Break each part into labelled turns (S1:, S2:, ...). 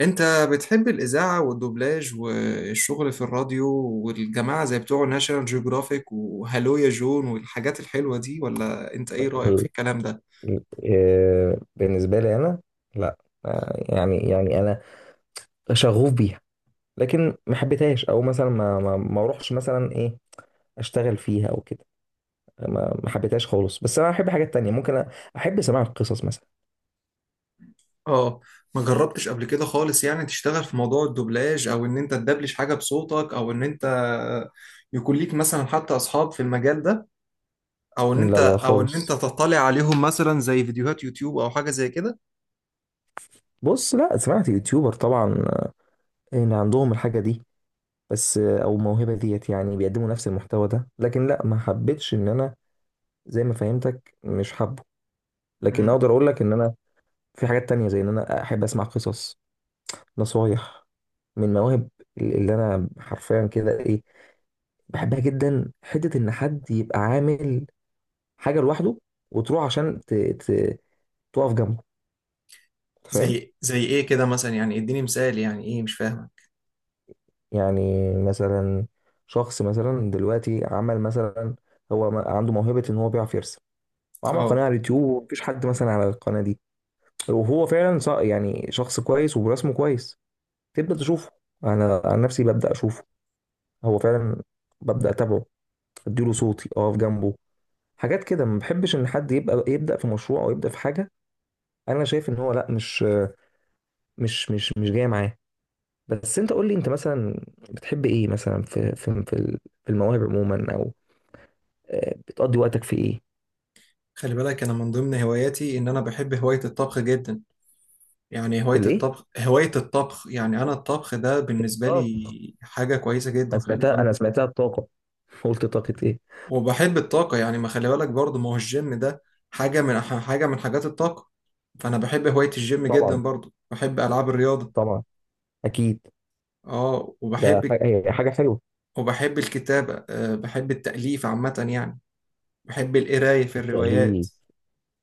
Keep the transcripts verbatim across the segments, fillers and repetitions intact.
S1: انت بتحب الاذاعه والدوبلاج والشغل في الراديو والجماعه زي بتوع ناشونال جيوغرافيك وهالو يا جون والحاجات الحلوه دي، ولا انت ايه رايك في
S2: ال-
S1: الكلام ده؟
S2: ال- آه، بالنسبة لي أنا لا. آه، يعني يعني أنا شغوف بيها، لكن ما حبيتهاش. أو مثلا ما ما ما أروحش مثلا إيه، أشتغل فيها أو كده. ما ما حبيتهاش خالص، بس أنا أحب حاجات تانية. ممكن أ- أحب سماع القصص مثلا.
S1: اه، ما جربتش قبل كده خالص، يعني تشتغل في موضوع الدوبلاج او ان انت تدبلج حاجه بصوتك، او ان انت يكون ليك مثلا حتى اصحاب في المجال ده، او ان انت
S2: لا لا
S1: او ان انت
S2: خالص.
S1: تطلع عليهم مثلا زي فيديوهات يوتيوب او حاجه زي كده.
S2: بص، لا سمعت يوتيوبر طبعا، آه، إن عندهم الحاجة دي. بس آه، أو الموهبة ديت، يعني بيقدموا نفس المحتوى ده، لكن لا ما حبيتش إن أنا زي ما فهمتك مش حابه. لكن
S1: امم.
S2: أقدر أقول لك إن أنا في حاجات تانية، زي إن أنا أحب أسمع قصص، نصايح، من مواهب، اللي انا حرفيا كده ايه، بحبها جدا. حته ان حد يبقى عامل حاجه لوحده وتروح عشان ت... ت... تقف جنبه، أنت فاهم.
S1: زي زي ايه كده مثلا؟ يعني اديني مثال، يعني ايه؟ مش فاهمه.
S2: يعني مثلا شخص مثلا دلوقتي عمل مثلا، هو ما- عنده موهبه ان هو بيعرف يرسم، وعمل قناه على اليوتيوب، ومفيش حد مثلا على القناه دي، وهو فعلا ص- يعني شخص كويس ورسمه كويس. تبدا تشوفه، انا عن نفسي ببدا اشوفه، هو فعلا، ببدا اتابعه، اديله صوتي اقف جنبه. حاجات كده. ما بحبش ان حد يبقى يبدا في مشروع او يبدا في حاجه انا شايف ان هو لا، مش مش مش مش جاي معاه. بس انت قول لي، انت مثلا بتحب ايه مثلا، في في في ال- في المواهب عموما، او آه، بتقضي وقتك في ايه؟
S1: خلي بالك انا من ضمن هواياتي ان انا بحب هواية الطبخ جدا. يعني
S2: في
S1: هواية
S2: الايه؟
S1: الطبخ هواية الطبخ يعني انا الطبخ ده بالنسبة
S2: طب،
S1: لي حاجة كويسة
S2: انا
S1: جدا. خلي
S2: سمعتها
S1: بالك
S2: انا سمعتها الطاقه. قلت طاقه ايه.
S1: وبحب الطاقة، يعني ما خلي بالك برضه ما هو الجيم ده حاجة من حاجة من حاجات الطاقة. فانا بحب هواية الجيم
S2: طبعا،
S1: جدا، برضه بحب العاب الرياضة.
S2: طبعا، اكيد،
S1: اه. وبحب
S2: ده حاجه، هي حاجه حلوه.
S1: وبحب الكتابة، أه بحب التأليف عامة، يعني بحب القراية في الروايات.
S2: التأليف،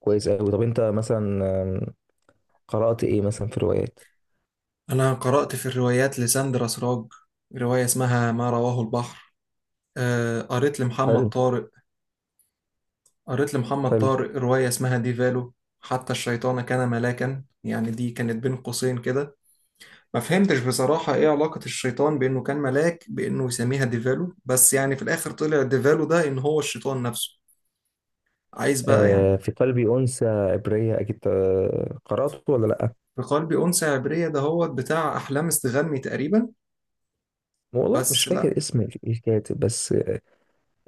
S2: كويس قوي. طب انت مثلا، آم، قرأت ايه مثلا في روايات؟
S1: انا قرأت في الروايات لساندرا سراج رواية اسمها ما رواه البحر. آه، قريت لمحمد
S2: حلو.
S1: طارق، قريت لمحمد
S2: حلو.
S1: طارق رواية اسمها ديفالو. حتى الشيطان كان ملاكا، يعني دي كانت بين قوسين كده. ما فهمتش بصراحة ايه علاقة الشيطان بانه كان ملاك، بانه يسميها ديفالو؟ بس يعني في الاخر طلع ديفالو ده ان هو الشيطان نفسه. عايز بقى يعني.
S2: آه، في قلبي أنثى عبرية، أكيد آه، قرأته ولا لأ؟
S1: في قلبي أنثى عبرية ده هو بتاع أحلام استغني تقريبا.
S2: والله مش
S1: بس لا.
S2: فاكر اسم الكاتب بس.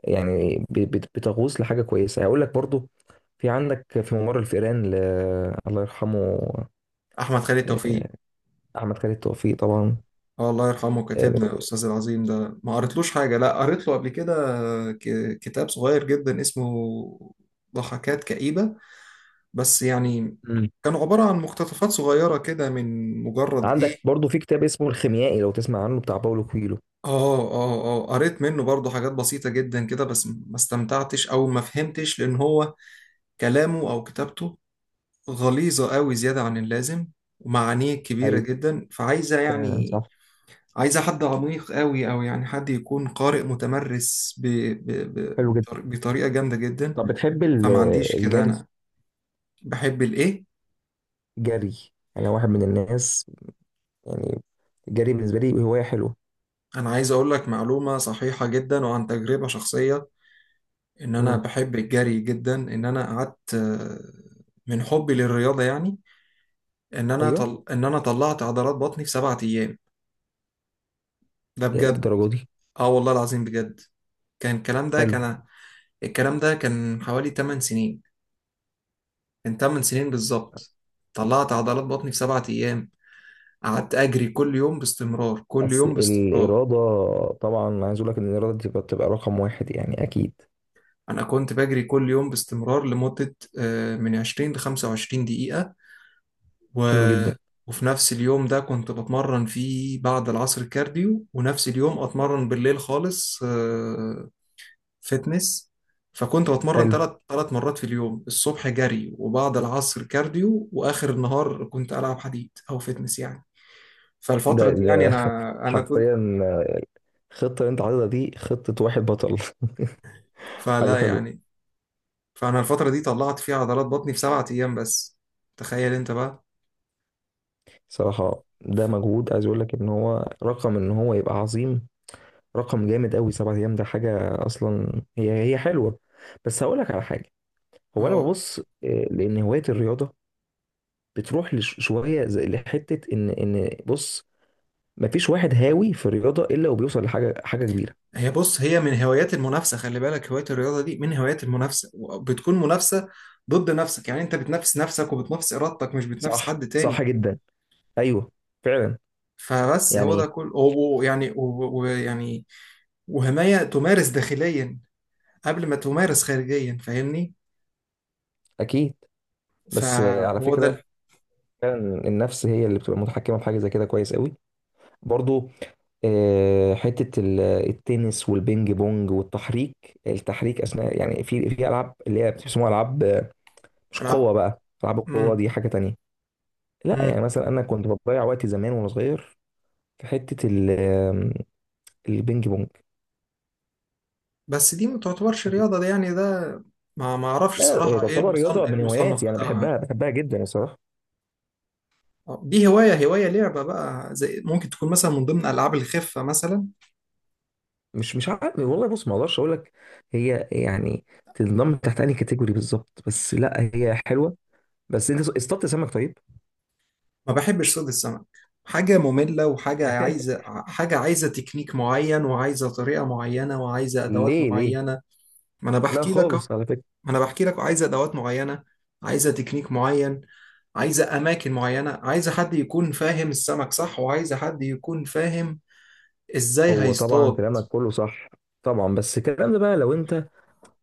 S2: يعني ب- بت- بتغوص لحاجة كويسة. هقول لك برضو، في عندك في ممر الفئران ل... الله يرحمه.
S1: أحمد خالد توفيق.
S2: آه، أحمد خالد توفيق طبعا.
S1: اه، الله يرحمه
S2: آه.
S1: كاتبنا الاستاذ العظيم ده. ما قريتلوش حاجه، لا قريت له قبل كده ك- كتاب صغير جدا اسمه ضحكات كئيبه. بس يعني
S2: مم.
S1: كانوا عباره عن مقتطفات صغيره كده من مجرد ايه.
S2: عندك برضو في كتاب اسمه الخيميائي، لو تسمع عنه، بتاع باولو كويلو.
S1: اه، اه، اه، قريت منه برضه حاجات بسيطه جدا كده، بس ما استمتعتش او ما فهمتش لان هو كلامه او كتابته غليظه قوي زياده عن اللازم، ومعانيه كبيره
S2: أيوة،
S1: جدا فعايزه
S2: فعلا
S1: يعني
S2: صح.
S1: عايزة حد عميق قوي، أو يعني حد يكون قارئ متمرس ب... ب...
S2: حلو جدا.
S1: ب... بطريقة جامدة جدا.
S2: طب بتحب ال-
S1: فما عنديش كده
S2: الجري،
S1: أنا. بحب الإيه؟
S2: جري؟ أنا واحد من الناس، يعني الجري بالنسبة لي هواية حلوة.
S1: أنا عايز أقول لك معلومة صحيحة جدا وعن تجربة شخصية، إن أنا
S2: مم.
S1: بحب الجري جدا، إن أنا قعدت آه، من حبي للرياضة، يعني إن أنا طل... إن أنا طلعت عضلات بطني في سبعة أيام. ده بجد،
S2: الدرجة دي؟
S1: آه والله العظيم بجد. كان الكلام ده
S2: حلو.
S1: كان الكلام ده كان حوالي ثمان سنين، من ثمان سنين بالظبط. طلعت عضلات بطني في سبعة أيام. قعدت أجري كل يوم باستمرار، كل
S2: بس
S1: يوم باستمرار.
S2: الإرادة، طبعا عايز أقول لك إن الإرادة دي بتبقى بتبقى رقم واحد يعني، أكيد.
S1: أنا كنت بجري كل يوم باستمرار لمدة آه، من عشرين ل خمسة وعشرون دقيقة. و...
S2: حلو جدا.
S1: وفي نفس اليوم ده كنت بتمرن فيه بعد العصر كارديو، ونفس اليوم أتمرن بالليل خالص. آه، فتنس. فكنت بتمرن
S2: حلو.
S1: ثلاث ثلاث مرات في اليوم، الصبح جري، وبعد العصر كارديو، وآخر النهار كنت ألعب حديد أو فتنس يعني.
S2: ده
S1: فالفترة دي يعني
S2: ده
S1: أنا أنا كنت.
S2: حرفيا الخطة اللي أنت عايزها دي، خطة واحد بطل. حاجة
S1: فلا
S2: حلوة.
S1: يعني، فانا الفتره دي طلعت فيها عضلات بطني في سبعة ايام بس. تخيل انت بقى.
S2: صراحة ده
S1: ف-
S2: مجهود، عايز أقول لك إن هو رقم، إن هو يبقى عظيم، رقم جامد أوي. سبعة أيام ده حاجة أصلا، هي هي حلوة. بس هقول لك على حاجة، هو أنا
S1: هو
S2: ببص آه، لأن هواية الرياضة بتروح لش- شوية زي لحتة، إن إن بص، مفيش واحد هاوي في الرياضه الا وبيوصل لحاجه، حاجه كبيره.
S1: هي، بص هي من هوايات المنافسه، خلي بالك هوايه الرياضه دي من هوايات المنافسه. بتكون منافسه ضد نفسك، يعني انت بتنافس نفسك وبتنافس ارادتك مش بتنافس
S2: صح،
S1: حد
S2: صح
S1: تاني.
S2: جدا. ايوه، فعلا
S1: فبس هو ده
S2: يعني.
S1: كل و- ويعني و- ويعني وهمايه تمارس داخليا قبل ما تمارس خارجيا، فاهمني؟
S2: اكيد. بس آه، على
S1: فهو
S2: فكره،
S1: ده.
S2: فعلا، النفس هي اللي بتبقى متحكمه في حاجه زي كده كويس قوي. برضو آه، حته ال- التنس والبينج بونج، والتحريك، التحريك اثناء، يعني في في العاب اللي هي بيسموها العاب آه، مش
S1: العب.
S2: قوه بقى، العاب القوه دي حاجه تانية. لا يعني
S1: امم.
S2: مثلا انا كنت بضيع وقتي زمان وانا صغير في حته ال- آم، البينج بونج.
S1: بس دي ما تعتبرش رياضة، دي يعني ده ما ما اعرفش
S2: لا إيه،
S1: صراحة ايه
S2: تعتبر
S1: المصنف،
S2: رياضة،
S1: ايه
S2: من
S1: المصنف
S2: هواياتي، أنا
S1: بتاعها.
S2: بحبها، بحبها جدا الصراحة.
S1: آه، دي هواية هواية لعبة بقى، زي ممكن تكون مثلا من ضمن ألعاب الخفة مثلا.
S2: مش مش عارف والله، بص ما أقدرش أقول لك هي يعني تنضم تحت أي كاتيجوري بالظبط، بس لا هي حلوة. بس أنت اصطدت سمك طيب.
S1: ما بحبش صيد السمك، حاجة مملة وحاجة عايزة حاجة عايزة تكنيك معين، وعايزة طريقة معينة، وعايزة أدوات
S2: ليه؟ ليه؟
S1: معينة. ما أنا
S2: لا
S1: بحكي لك أهو.
S2: خالص، على فكرة.
S1: ما أنا بحكي لك عايزة أدوات معينة، عايزة تكنيك معين، عايزة أماكن معينة، عايزة حد يكون فاهم السمك صح، وعايزة حد يكون فاهم ازاي
S2: هو طبعا
S1: هيصطاد.
S2: كلامك كله صح، طبعا، بس الكلام ده بقى لو أنت،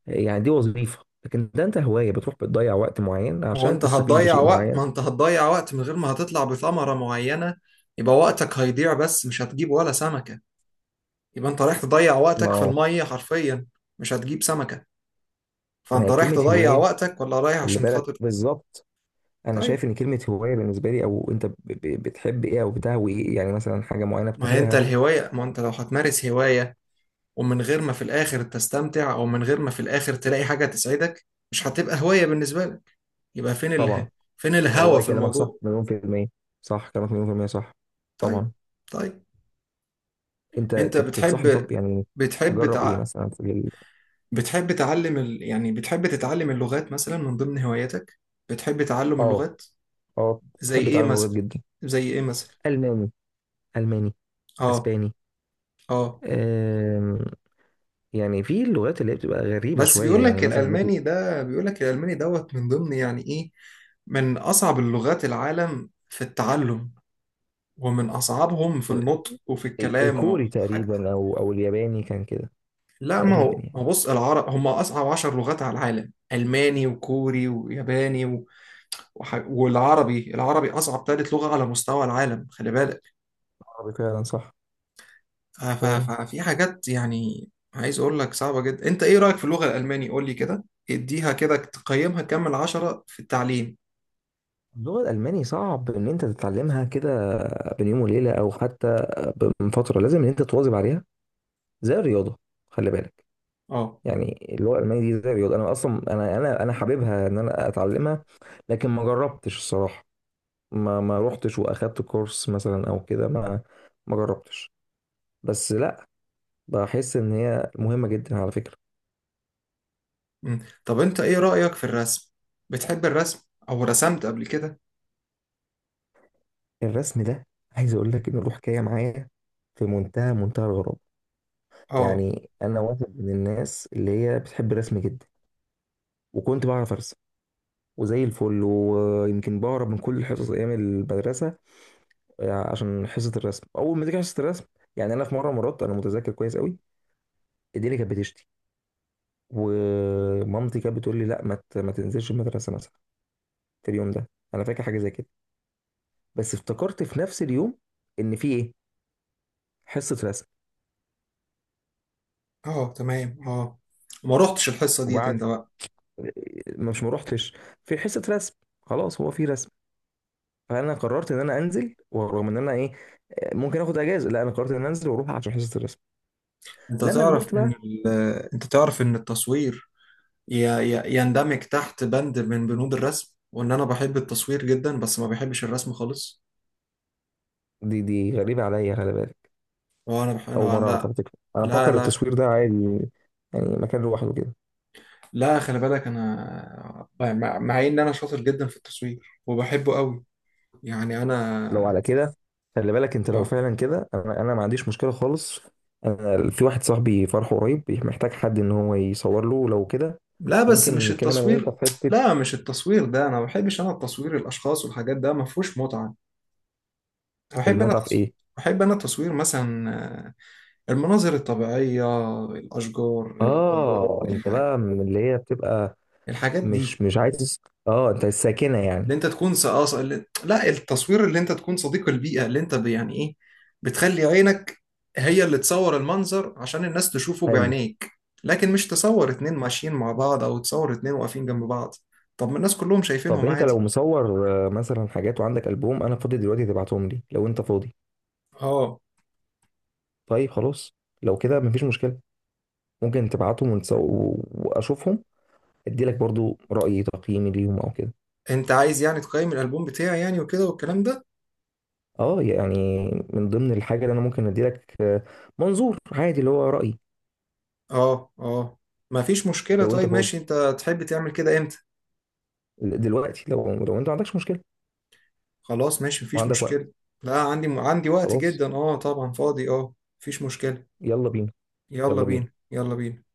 S2: يعني دي وظيفة، لكن ده أنت هواية، بتروح بتضيع وقت معين
S1: هو
S2: عشان
S1: انت
S2: تستفيد
S1: هتضيع
S2: بشيء
S1: وقت،
S2: معين.
S1: ما انت هتضيع وقت من غير ما هتطلع بثمرة معينة. يبقى وقتك هيضيع، بس مش هتجيب ولا سمكة. يبقى انت رايح تضيع
S2: ما
S1: وقتك في
S2: هو،
S1: المية حرفيا، مش هتجيب سمكة.
S2: ما
S1: فانت
S2: هي
S1: رايح
S2: كلمة
S1: تضيع
S2: هواية؟
S1: وقتك ولا رايح
S2: خلي
S1: عشان
S2: بالك
S1: خاطر.
S2: بالظبط، انا
S1: طيب،
S2: شايف ان كلمه هوايه بالنسبه لي، او انت ب- ب- بتحب ايه، او بتهوي ايه، يعني مثلا حاجه معينه
S1: ما هي انت
S2: بتهواها.
S1: الهواية، ما انت لو هتمارس هواية ومن غير ما في الاخر تستمتع، او من غير ما في الاخر تلاقي حاجة تسعدك، مش هتبقى هواية بالنسبة لك. يبقى فين اله...
S2: طبعا.
S1: فين الهوى
S2: والله
S1: في
S2: كلامك صح،
S1: الموضوع.
S2: مليون في الميه. صح كلامك، مليون في الميه، صح.
S1: طيب.
S2: طبعا.
S1: طيب.
S2: انت
S1: انت
S2: أنت بتنصحني
S1: بتحب،
S2: طب يعني
S1: بتحب
S2: اجرب ايه
S1: تع...
S2: مثلا في ال...
S1: بتحب تعلم ال... يعني بتحب تتعلم اللغات مثلا من ضمن هواياتك؟ بتحب تعلم
S2: اه.
S1: اللغات؟
S2: اه.
S1: زي
S2: بحب
S1: ايه
S2: اتعلم لغات
S1: مثلا؟
S2: جدا.
S1: زي ايه مثلا؟
S2: الماني، الماني،
S1: اه،
S2: اسباني.
S1: اه.
S2: أم... يعني في اللغات اللي هي بتبقى غريبه
S1: بس
S2: شويه
S1: بيقول
S2: يعني
S1: لك
S2: مثلا مم.
S1: الالماني ده بيقول لك الالماني دوت من ضمن يعني ايه، من اصعب اللغات العالم في التعلم، ومن اصعبهم في النطق وفي
S2: ال-
S1: الكلام
S2: الكوري
S1: وحاجة.
S2: تقريبا، او او الياباني، كان كده
S1: لا، ما
S2: تقريبا
S1: هو
S2: يعني.
S1: ما هو بص العرب هم اصعب عشر لغات على العالم، الماني وكوري وياباني و... وح... والعربي العربي اصعب ثالث لغة على مستوى العالم، خلي بالك.
S2: عربي فعلا صح.
S1: ف-
S2: فعلا.
S1: ف- ففي حاجات يعني، عايز اقول لك صعبة جدا. انت ايه رأيك في اللغة الألماني؟ قول لي كده. اديها كده، تقيمها كام من عشرة في التعليم؟
S2: اللغة الألماني صعب إن أنت تتعلمها كده بين يوم وليلة، أو حتى من فترة. لازم إن أنت تواظب عليها زي الرياضة، خلي بالك.
S1: اه.
S2: يعني اللغة الألمانية دي زي الرياضة. أنا أصلا أنا أنا أنا حاببها إن أنا أتعلمها، لكن ما جربتش الصراحة. ما ما روحتش وأخدت كورس مثلا أو كده، ما ما جربتش. بس لأ، بحس إن هي مهمة جدا على فكرة.
S1: مم. طب انت ايه رأيك في الرسم؟ بتحب الرسم؟ او رسمت قبل كده؟
S2: الرسم ده عايز أقول لك إن له حكاية معايا في منتهى منتهى الغرابة.
S1: اه،
S2: يعني أنا واحد من الناس اللي هي بتحب الرسم جدا، وكنت بعرف أرسم وزي الفل، ويمكن بهرب من كل الحصص ايام المدرسه، آه، عشان حصه الرسم. اول ما تيجي حصه الرسم، يعني انا في مره، مرات انا متذكر كويس قوي، ايديلي كانت بتشتي، ومامتي كانت بتقول لي لا ما ت- ما تنزلش المدرسه مثلا، في اليوم ده، انا فاكر حاجه زي كده، بس افتكرت في نفس اليوم ان في ايه، حصه رسم.
S1: اه، تمام، اه. ما رحتش الحصة ديت
S2: وبعد،
S1: انت بقى.
S2: ما مش ما روحتش، في حصه رسم، خلاص هو في رسم، فانا قررت ان انا انزل. ورغم ان انا ايه، آه، ممكن اخد اجازه، لا انا قررت ان انا انزل واروح عشان حصه الرسم.
S1: انت
S2: لما
S1: تعرف
S2: كبرت
S1: ان
S2: بقى.
S1: ال... انت تعرف ان التصوير ي... ي... يندمج تحت بند من بنود الرسم، وان انا بحب التصوير جدا، بس ما بحبش الرسم خالص.
S2: دي دي غريبة عليا، خلي بالك.
S1: وانا بح...
S2: أول
S1: انا
S2: مرة
S1: لا،
S2: أعرف على فكرة، أنا
S1: لا،
S2: فاكر
S1: لا،
S2: التصوير ده عادي يعني مكان لوحده كده.
S1: لا، خلي بالك انا يعني مع مع ان انا شاطر جدا في التصوير وبحبه قوي يعني
S2: لو
S1: انا.
S2: على كده، خلي بالك أنت لو
S1: آه.
S2: فعلا كده، أنا أنا ما عنديش مشكلة خالص. أنا في واحد صاحبي فرحه قريب، محتاج حد إن هو يصور له، لو كده
S1: لا، بس
S2: ممكن
S1: مش
S2: نتكلم أنا وأنت
S1: التصوير.
S2: في حتة.
S1: لا، مش التصوير ده. انا ما بحبش انا التصوير الاشخاص والحاجات ده ما فيهوش متعة. بحب انا
S2: المتعة في
S1: تصوير
S2: إيه؟
S1: بحب انا تصوير مثلا، آه، المناظر الطبيعية، الاشجار،
S2: اه، أنت
S1: الح-
S2: بقى من اللي هي بتبقى،
S1: الحاجات دي.
S2: مش مش عايز، أه أنت الساكنة
S1: اللي
S2: يعني.
S1: انت تكون ص- اه ص- اللي- لا التصوير اللي انت تكون صديق البيئة، اللي انت ب- يعني ايه، بتخلي عينك هي اللي تصور المنظر عشان الناس تشوفه
S2: حلو.
S1: بعينيك، لكن مش تصور اتنين ماشيين مع بعض او تصور اتنين واقفين جنب بعض. طب ما الناس كلهم
S2: طب
S1: شايفينهم
S2: أنت لو
S1: عادي.
S2: مصور آه، مثلا حاجات وعندك ألبوم، أنا فاضي دلوقتي، تبعتهم لي لو أنت فاضي.
S1: اه،
S2: طيب، خلاص، لو كده مفيش مشكلة، ممكن تبعتهم ونس- و- واشوفهم، اديلك برضو رأيي، تقييمي ليهم او كده.
S1: انت عايز يعني تقيم الالبوم بتاعي يعني وكده والكلام ده؟
S2: اه يعني من ضمن الحاجة اللي انا ممكن اديلك آه، منظور عادي اللي هو رأيي.
S1: اه، اه، ما فيش مشكلة.
S2: لو انت
S1: طيب
S2: فاضي
S1: ماشي. انت تحب تعمل كده امتى؟
S2: دلوقتي، لو لو انت ما عندكش مشكلة
S1: خلاص ماشي مفيش
S2: وعندك وقت.
S1: مشكلة. لا، عندي عندي وقت
S2: خلاص.
S1: جدا، اه طبعا فاضي اه. مفيش مشكلة.
S2: يلا بينا.
S1: يلا
S2: يلا بينا.
S1: بينا، يلا بينا.